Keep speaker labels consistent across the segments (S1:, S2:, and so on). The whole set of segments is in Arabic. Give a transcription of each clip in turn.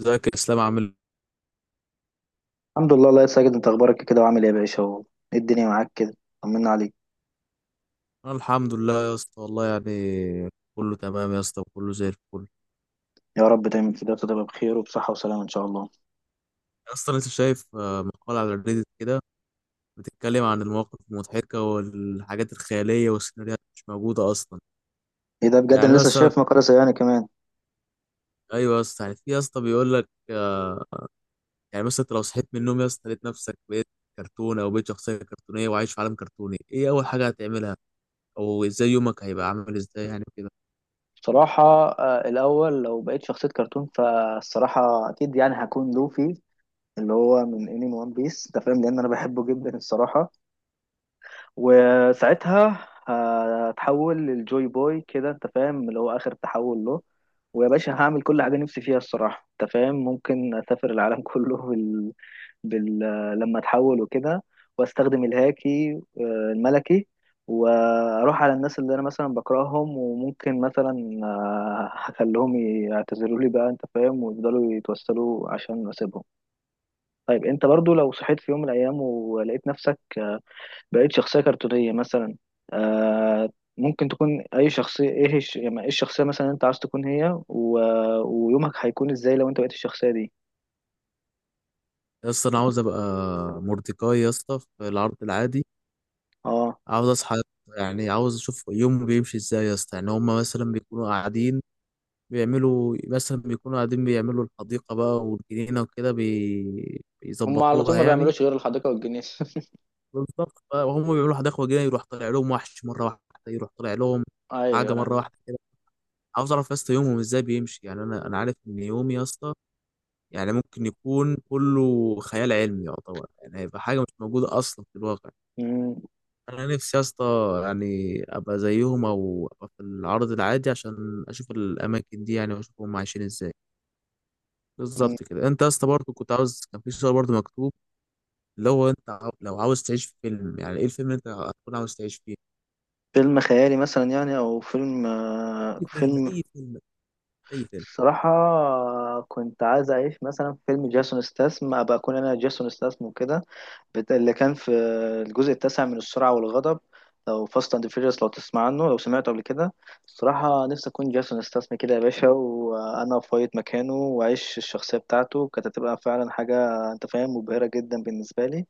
S1: ازيك يا اسلام، عامل ايه؟
S2: الحمد لله. الله يا ساجد، انت اخبارك إيه كده وعامل ايه يا باشا؟ اهو ايه الدنيا معاك كده. طمنا عليك.
S1: انا الحمد لله يا اسطى، والله يعني كله تمام يا اسطى، وكله زي الفل.
S2: يا رب دايما كده تبقى بخير وبصحة وسلامة ان شاء الله.
S1: يا اسطى، لسه شايف مقال على الريديت كده، بتتكلم عن المواقف المضحكه والحاجات الخياليه والسيناريوهات مش موجوده اصلا.
S2: ايه ده؟ بجد
S1: يعني
S2: انا لسه
S1: مثلا،
S2: شايف مقالة زيانة كمان.
S1: ايوه يا اسطى، يعني في يا اسطى بيقول لك. يعني مثلا انت لو صحيت من النوم يا اسطى، لقيت نفسك بقيت كرتون او بقيت شخصيه كرتونيه وعايش في عالم كرتوني، ايه اول حاجه هتعملها، او ازاي يومك هيبقى عامل ازاي يعني كده.
S2: بصراحة الاول لو بقيت شخصية كرتون فالصراحة اكيد يعني هكون لوفي، اللي هو من انمي وان بيس، انت فاهم، لان انا بحبه جدا الصراحة. وساعتها هتحول للجوي بوي كده، انت فاهم، اللي هو اخر تحول له. ويا باشا هعمل كل حاجه نفسي فيها الصراحه، انت فاهم، ممكن اسافر العالم كله بال... لما اتحول وكده، واستخدم الهاكي الملكي، واروح على الناس اللي انا مثلا بكرههم، وممكن مثلا هخليهم يعتذروا لي بقى، انت فاهم، ويفضلوا يتوسلوا عشان اسيبهم. طيب انت برضو لو صحيت في يوم من الايام ولقيت نفسك بقيت شخصية كرتونية مثلا، آه ممكن تكون أي شخصية، إيه يعني إيه الشخصية مثلا اللي أنت عايز تكون هي ويومك هيكون إزاي لو أنت بقيت الشخصية دي؟
S1: يا اسطى، انا عاوز ابقى مورديكاي يا اسطى في العرض العادي.
S2: أه.
S1: عاوز اصحى، يعني عاوز اشوف يومه بيمشي ازاي يا اسطى. يعني هما مثلا بيكونوا قاعدين بيعملوا، مثلا بيكونوا قاعدين بيعملوا الحديقة بقى والجنينة وكده،
S2: هم على طول
S1: بيظبطوها
S2: ما
S1: يعني.
S2: بيعملوش غير الحديقة والجنينة
S1: بالظبط بقى، وهم بيعملوا حديقة وجنينة يروح طالع لهم وحش مرة واحدة، يروح طالع لهم
S2: ايوه.
S1: حاجة مرة
S2: أيوة.
S1: واحدة كده. عاوز اعرف يا اسطى يومهم ازاي بيمشي. يعني انا عارف ان يومي يا اسطى يعني ممكن يكون كله خيال علمي يعتبر، يعني هيبقى حاجة مش موجودة اصلا في الواقع.
S2: مم.
S1: انا نفسي يا اسطى، يعني ابقى زيهم او ابقى في العرض العادي عشان اشوف الاماكن دي، يعني واشوف هم عايشين ازاي.
S2: مم.
S1: بالظبط كده. انت يا اسطى برضه كنت عاوز، كان في سؤال برضه مكتوب اللي هو انت لو عاوز تعيش في فيلم، يعني ايه الفيلم اللي انت هتكون عاوز تعيش فيه؟
S2: فيلم خيالي مثلا، يعني، أو فيلم
S1: اي
S2: آه
S1: فيلم، اي
S2: فيلم
S1: فيلم، اي فيلم.
S2: صراحة كنت عايز أعيش مثلا في فيلم جاسون ستاثام، أبقى أكون أنا جاسون ستاثام وكده، اللي كان في الجزء التاسع من السرعة والغضب، أو فاست أند فيريوس، لو تسمع عنه، لو سمعته قبل كده. الصراحة نفسي أكون جاسون استسمى كده يا باشا، وأنا أفايض مكانه وأعيش الشخصية بتاعته، كانت هتبقى فعلا حاجة، أنت فاهم، مبهرة جدا بالنسبة لي.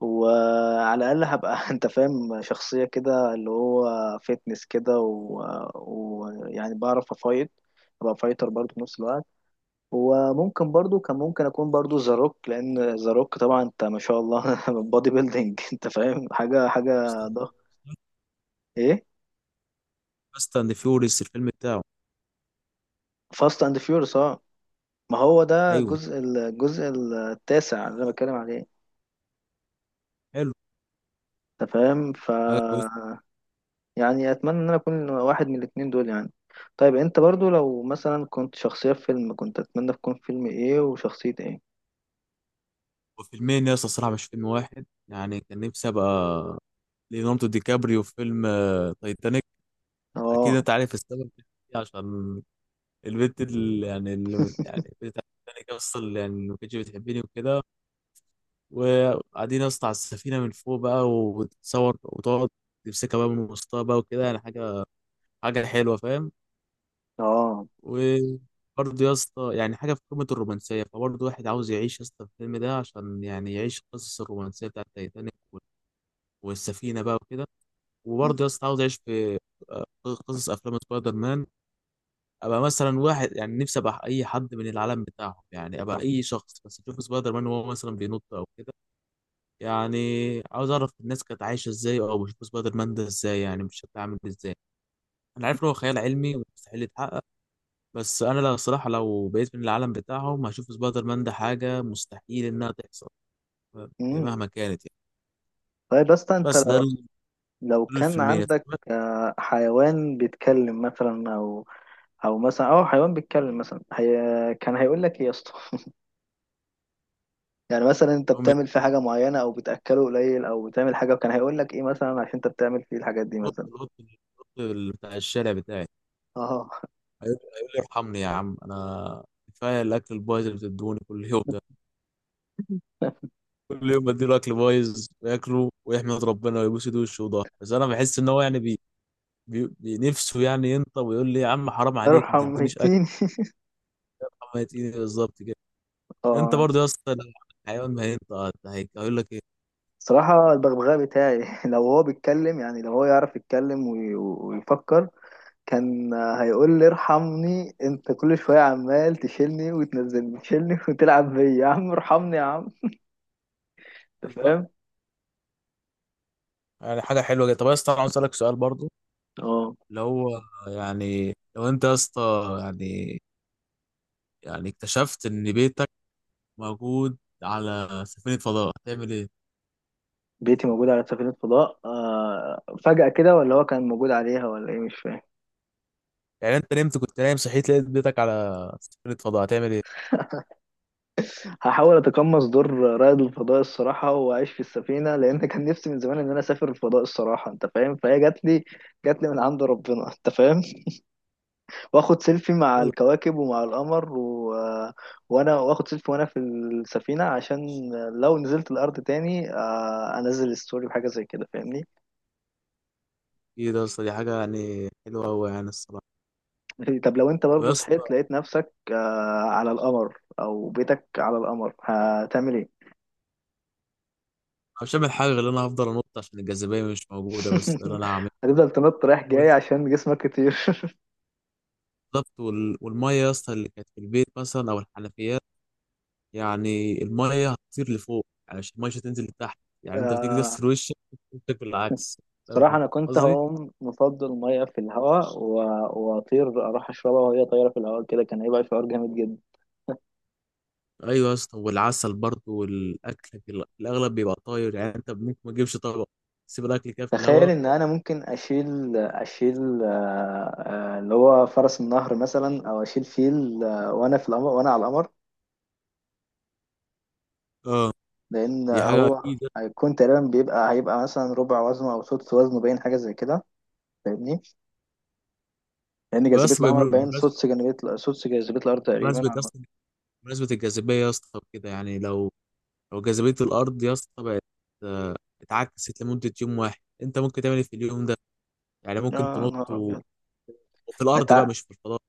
S2: وعلى الأقل هبقى أنت فاهم شخصية كده، اللي هو فيتنس كده، ويعني بعرف أفايض، أبقى فايتر برضه في نفس الوقت. وممكن برضو، كان ممكن اكون برضو ذا روك، لان ذا روك طبعا، انت ما شاء الله بادي بيلدينج، انت فاهم، حاجه ضخمه. ايه
S1: فاست اند فيوريس الفيلم بتاعه.
S2: فاست اند فيورس، اه. ما هو ده
S1: ايوه.
S2: الجزء التاسع اللي انا بتكلم عليه،
S1: حلو،
S2: انت فاهم.
S1: حاجه كويسه.
S2: يعني اتمنى ان انا اكون واحد من الاتنين دول يعني. طيب انت برضو لو مثلا كنت شخصيه في فيلم، كنت اتمنى تكون فيلم ايه وشخصيه ايه؟
S1: وفيلمين يا اسطى الصراحه، مش فيلم واحد. يعني كان نفسي ابقى ليوناردو دي كابريو في فيلم تايتانيك. اكيد
S2: اه.
S1: انت عارف السبب، عشان البنت اللي يعني بتاعتك اصلا، يعني اللي يعني ما كانتش بتحبني وكده، وقاعدين يا اسطى على السفينه من فوق بقى، وتصور وتقعد تمسكها بقى من وسطها بقى وكده، يعني حاجه، حاجه حلوه فاهم.
S2: اه.
S1: وبرضه يا اسطى يعني حاجه في قمه الرومانسيه، فبرضه واحد عاوز يعيش يا اسطى الفيلم ده عشان يعني يعيش القصص الرومانسيه بتاعت تايتانيك والسفينه بقى وكده.
S2: م-
S1: وبرضه يا اسطى عاوز يعيش في آه، قصص افلام سبايدر مان. ابقى مثلا واحد، يعني نفسي ابقى اي حد من العالم بتاعهم، يعني ابقى اي شخص بس اشوف سبايدر مان وهو مثلا بينط او كده. يعني عاوز اعرف الناس كانت عايشه ازاي، او بشوف سبايدر مان ده ازاي، يعني مش شكله عامل ازاي. انا عارف ان هو خيال علمي ومستحيل يتحقق، بس انا لا، الصراحه لو بقيت من العالم بتاعهم هشوف سبايدر مان ده حاجه مستحيل انها تحصل، يعني
S2: م.
S1: مهما كانت يعني.
S2: طيب بس انت
S1: بس
S2: لو
S1: دول
S2: كان
S1: الفيلمين.
S2: عندك حيوان بيتكلم مثلا او او مثلا او حيوان بيتكلم مثلا، هي كان هيقول لك ايه يا اسطى؟ يعني مثلا انت
S1: هم
S2: بتعمل فيه
S1: القط،
S2: حاجه معينه، او بتاكله قليل، او بتعمل حاجه، وكان هيقول لك ايه مثلا عشان انت بتعمل فيه الحاجات دي
S1: القط
S2: مثلا.
S1: القط بتاع الشارع بتاعي
S2: اه.
S1: هيقول لي ارحمني يا عم، انا كفايه الاكل البايظ اللي بتدوني كل يوم ده، كل يوم بديله اكل بايظ وياكله ويحمد ربنا ويبوس ايده وشه وضهره، بس انا بحس ان هو يعني نفسه يعني ينطق ويقول لي يا عم حرام عليك، ما
S2: ارحم
S1: تدينيش اكل،
S2: ميتين.
S1: ما يتيني بالظبط كده. انت
S2: اه.
S1: برضه يا اسطى لو حيوان ما هينطق هيقول لك ايه؟
S2: صراحه البغبغاء بتاعي لو هو بيتكلم، يعني لو هو يعرف يتكلم ويفكر، كان هيقول لي ارحمني، انت كل شويه عمال تشيلني وتنزلني تشيلني وتلعب بيا، يا عم ارحمني يا عم، انت فاهم.
S1: يعني حاجه حلوه جدا. طب يا اسطى انا عاوز اسالك سؤال برضه،
S2: اه.
S1: اللي هو يعني لو انت يا اسطى يعني، يعني اكتشفت ان بيتك موجود على سفينه فضاء هتعمل ايه؟
S2: بيتي موجود على سفينه فضاء فجاه كده، ولا هو كان موجود عليها، ولا ايه؟ مش فاهم.
S1: يعني انت نمت، كنت نايم صحيت لقيت بيتك على سفينة فضاء، هتعمل ايه؟
S2: هحاول اتقمص دور رائد الفضاء الصراحه واعيش في السفينه، لان كان نفسي من زمان ان انا اسافر الفضاء الصراحه، انت فاهم، فهي جات لي، جات لي من عند ربنا، انت فاهم. واخد سيلفي مع
S1: ايوه.
S2: الكواكب ومع القمر، وانا واخد سيلفي وانا في السفينة، عشان لو نزلت الارض تاني انزل ستوري بحاجة زي كده، فاهمني.
S1: ايه ده يا اسطى، دي حاجه يعني حلوه قوي يعني الصراحه.
S2: طب لو انت
S1: طب يا
S2: برضو
S1: اسطى،
S2: صحيت لقيت نفسك على القمر، او بيتك على القمر، هتعمل ايه؟
S1: أنا مش هعمل حاجه غير ان انا هفضل انط عشان الجاذبيه مش موجوده، بس ده اللي انا هعمله
S2: هتفضل تنط رايح جاي عشان جسمك كتير
S1: بالظبط. والميه يا اسطى اللي كانت في البيت مثلا او الحنفيات، يعني الميه هتطير لفوق، يعني مش الميه مش هتنزل لتحت. يعني انت بتيجي
S2: آه،
S1: تغسل وشك بالعكس، فاهم
S2: صراحة أنا كنت
S1: قصدي.
S2: هقوم مفضل مية في الهواء وأطير أروح أشربها وهي طايرة في الهواء كده، كان هيبقى شعور جامد.
S1: ايوه يا اسطى، والعسل برضه والاكل في الاغلب بيبقى طاير، يعني انت ممكن ما تجيبش طبق، تسيب الاكل كده في
S2: تخيل
S1: الهواء.
S2: ان انا ممكن اشيل اللي هو فرس النهر مثلا، او اشيل فيل وانا في القمر، وانا على القمر،
S1: اه،
S2: لان
S1: دي حاجة
S2: هو
S1: أكيد.
S2: هيكون تقريبا هيبقى مثلا ربع وزنه او سدس وزنه، باين حاجه زي كده، فاهمني. لان جاذبيه
S1: بس
S2: القمر باين
S1: بمناسبة،
S2: سدس جاذبيه الارض تقريبا.
S1: بمناسبة
S2: على
S1: يا
S2: ما-
S1: اسطى، بمناسبة الجاذبية يا اسطى كده، يعني لو جاذبية الأرض يا اسطى بقت آه، اتعكست لمدة يوم واحد، أنت ممكن تعمل إيه في اليوم ده؟ يعني ممكن
S2: يا
S1: تنط
S2: نهار ابيض،
S1: وفي
S2: انت
S1: الأرض بقى مش في الفضاء.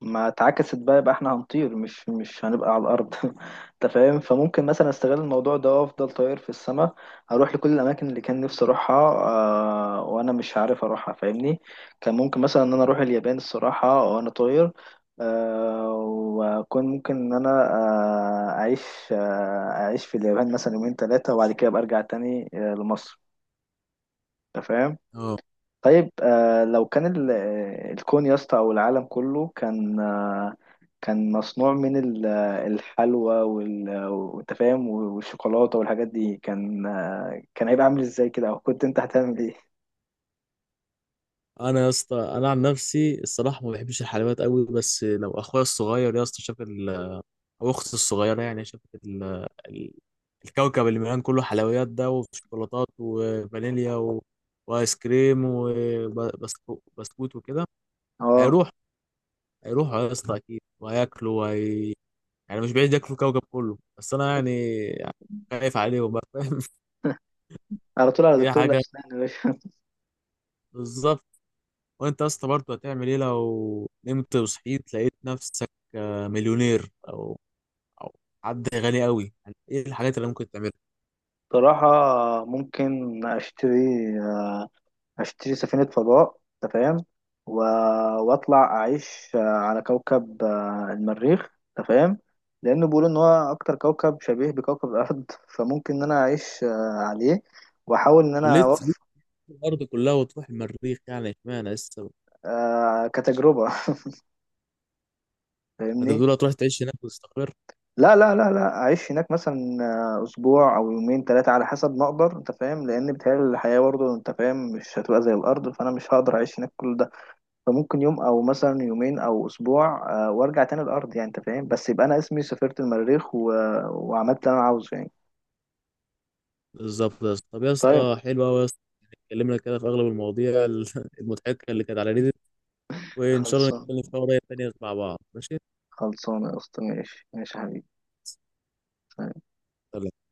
S2: ما اتعكست بقى، يبقى احنا هنطير، مش هنبقى على الارض انت فاهم، فممكن مثلا استغل الموضوع ده وافضل طاير في السماء، اروح لكل الاماكن اللي كان نفسي اروحها وانا مش عارف اروحها، فاهمني. كان ممكن مثلا ان انا اروح اليابان الصراحه وانا طاير، آه واكون ممكن ان انا اعيش في اليابان مثلا يومين ثلاثه، وبعد كده ابقى ارجع تاني لمصر، انت فاهم.
S1: أه.
S2: طيب لو كان الكون يا اسطى، او العالم كله، كان مصنوع من الحلوى، وانت فاهم، والشوكولاته والحاجات دي، كان هيبقى عامل ازاي كده، او كنت انت هتعمل ايه؟
S1: أنا يا اسطى، أنا عن نفسي الصراحة ما بحبش الحلويات قوي، بس لو أخويا الصغير يا اسطى شاف أو أختي الصغيرة يعني شافت ال... الكوكب اللي مليان كله حلويات ده وشوكولاتات وفانيليا وايس كريم وبسكوت وكده،
S2: اه.
S1: هيروح هيروحوا يا اسطى اكيد وهياكلوا يعني مش بعيد ياكلوا الكوكب كله، بس انا يعني خايف عليهم بقى فاهم
S2: على طول على
S1: دي
S2: دكتور
S1: حاجه
S2: الاسنان يا باشا.
S1: بالظبط. وانت يا اسطى برضه هتعمل ايه لو نمت وصحيت لقيت نفسك مليونير او او حد غني قوي، يعني ايه الحاجات اللي ممكن تعملها؟
S2: بصراحه ممكن اشتري آه، هشتري سفينة فضاء، انت فاهم، و... واطلع اعيش على كوكب المريخ، انت فاهم، لانه بيقولوا ان هو اكتر كوكب شبيه بكوكب الارض فممكن ان انا اعيش عليه، واحاول ان
S1: أو
S2: انا
S1: ليه تسيب
S2: اوفق
S1: الارض كلها وتروح المريخ يعني، اشمعنى لسه.
S2: كتجربة.
S1: انت
S2: فاهمني،
S1: بتقول هتروح تعيش هناك وتستقر.
S2: لا لا لا لا، اعيش هناك مثلا اسبوع او يومين ثلاثة على حسب ما اقدر، انت فاهم، لان بتهيألي الحياة برضه، انت فاهم، مش هتبقى زي الارض، فانا مش هقدر اعيش هناك كل ده، فممكن يوم او مثلا يومين او اسبوع وارجع تاني الارض يعني، انت فاهم، بس يبقى انا اسمي سافرت المريخ، وعملت اللي انا عاوزه يعني.
S1: بالظبط يا اسطى. طب يا
S2: طيب،
S1: اسطى، حلو قوي يا اسطى، يعني اتكلمنا كده في اغلب المواضيع المضحكه اللي كانت على ريدي. وإن شاء الله
S2: خلصان.
S1: نتكلم في مواضيع تانية مع بعض، ماشي؟
S2: خلصانه يا اسطى، ماشي ماشي يا حبيبي.
S1: سلام.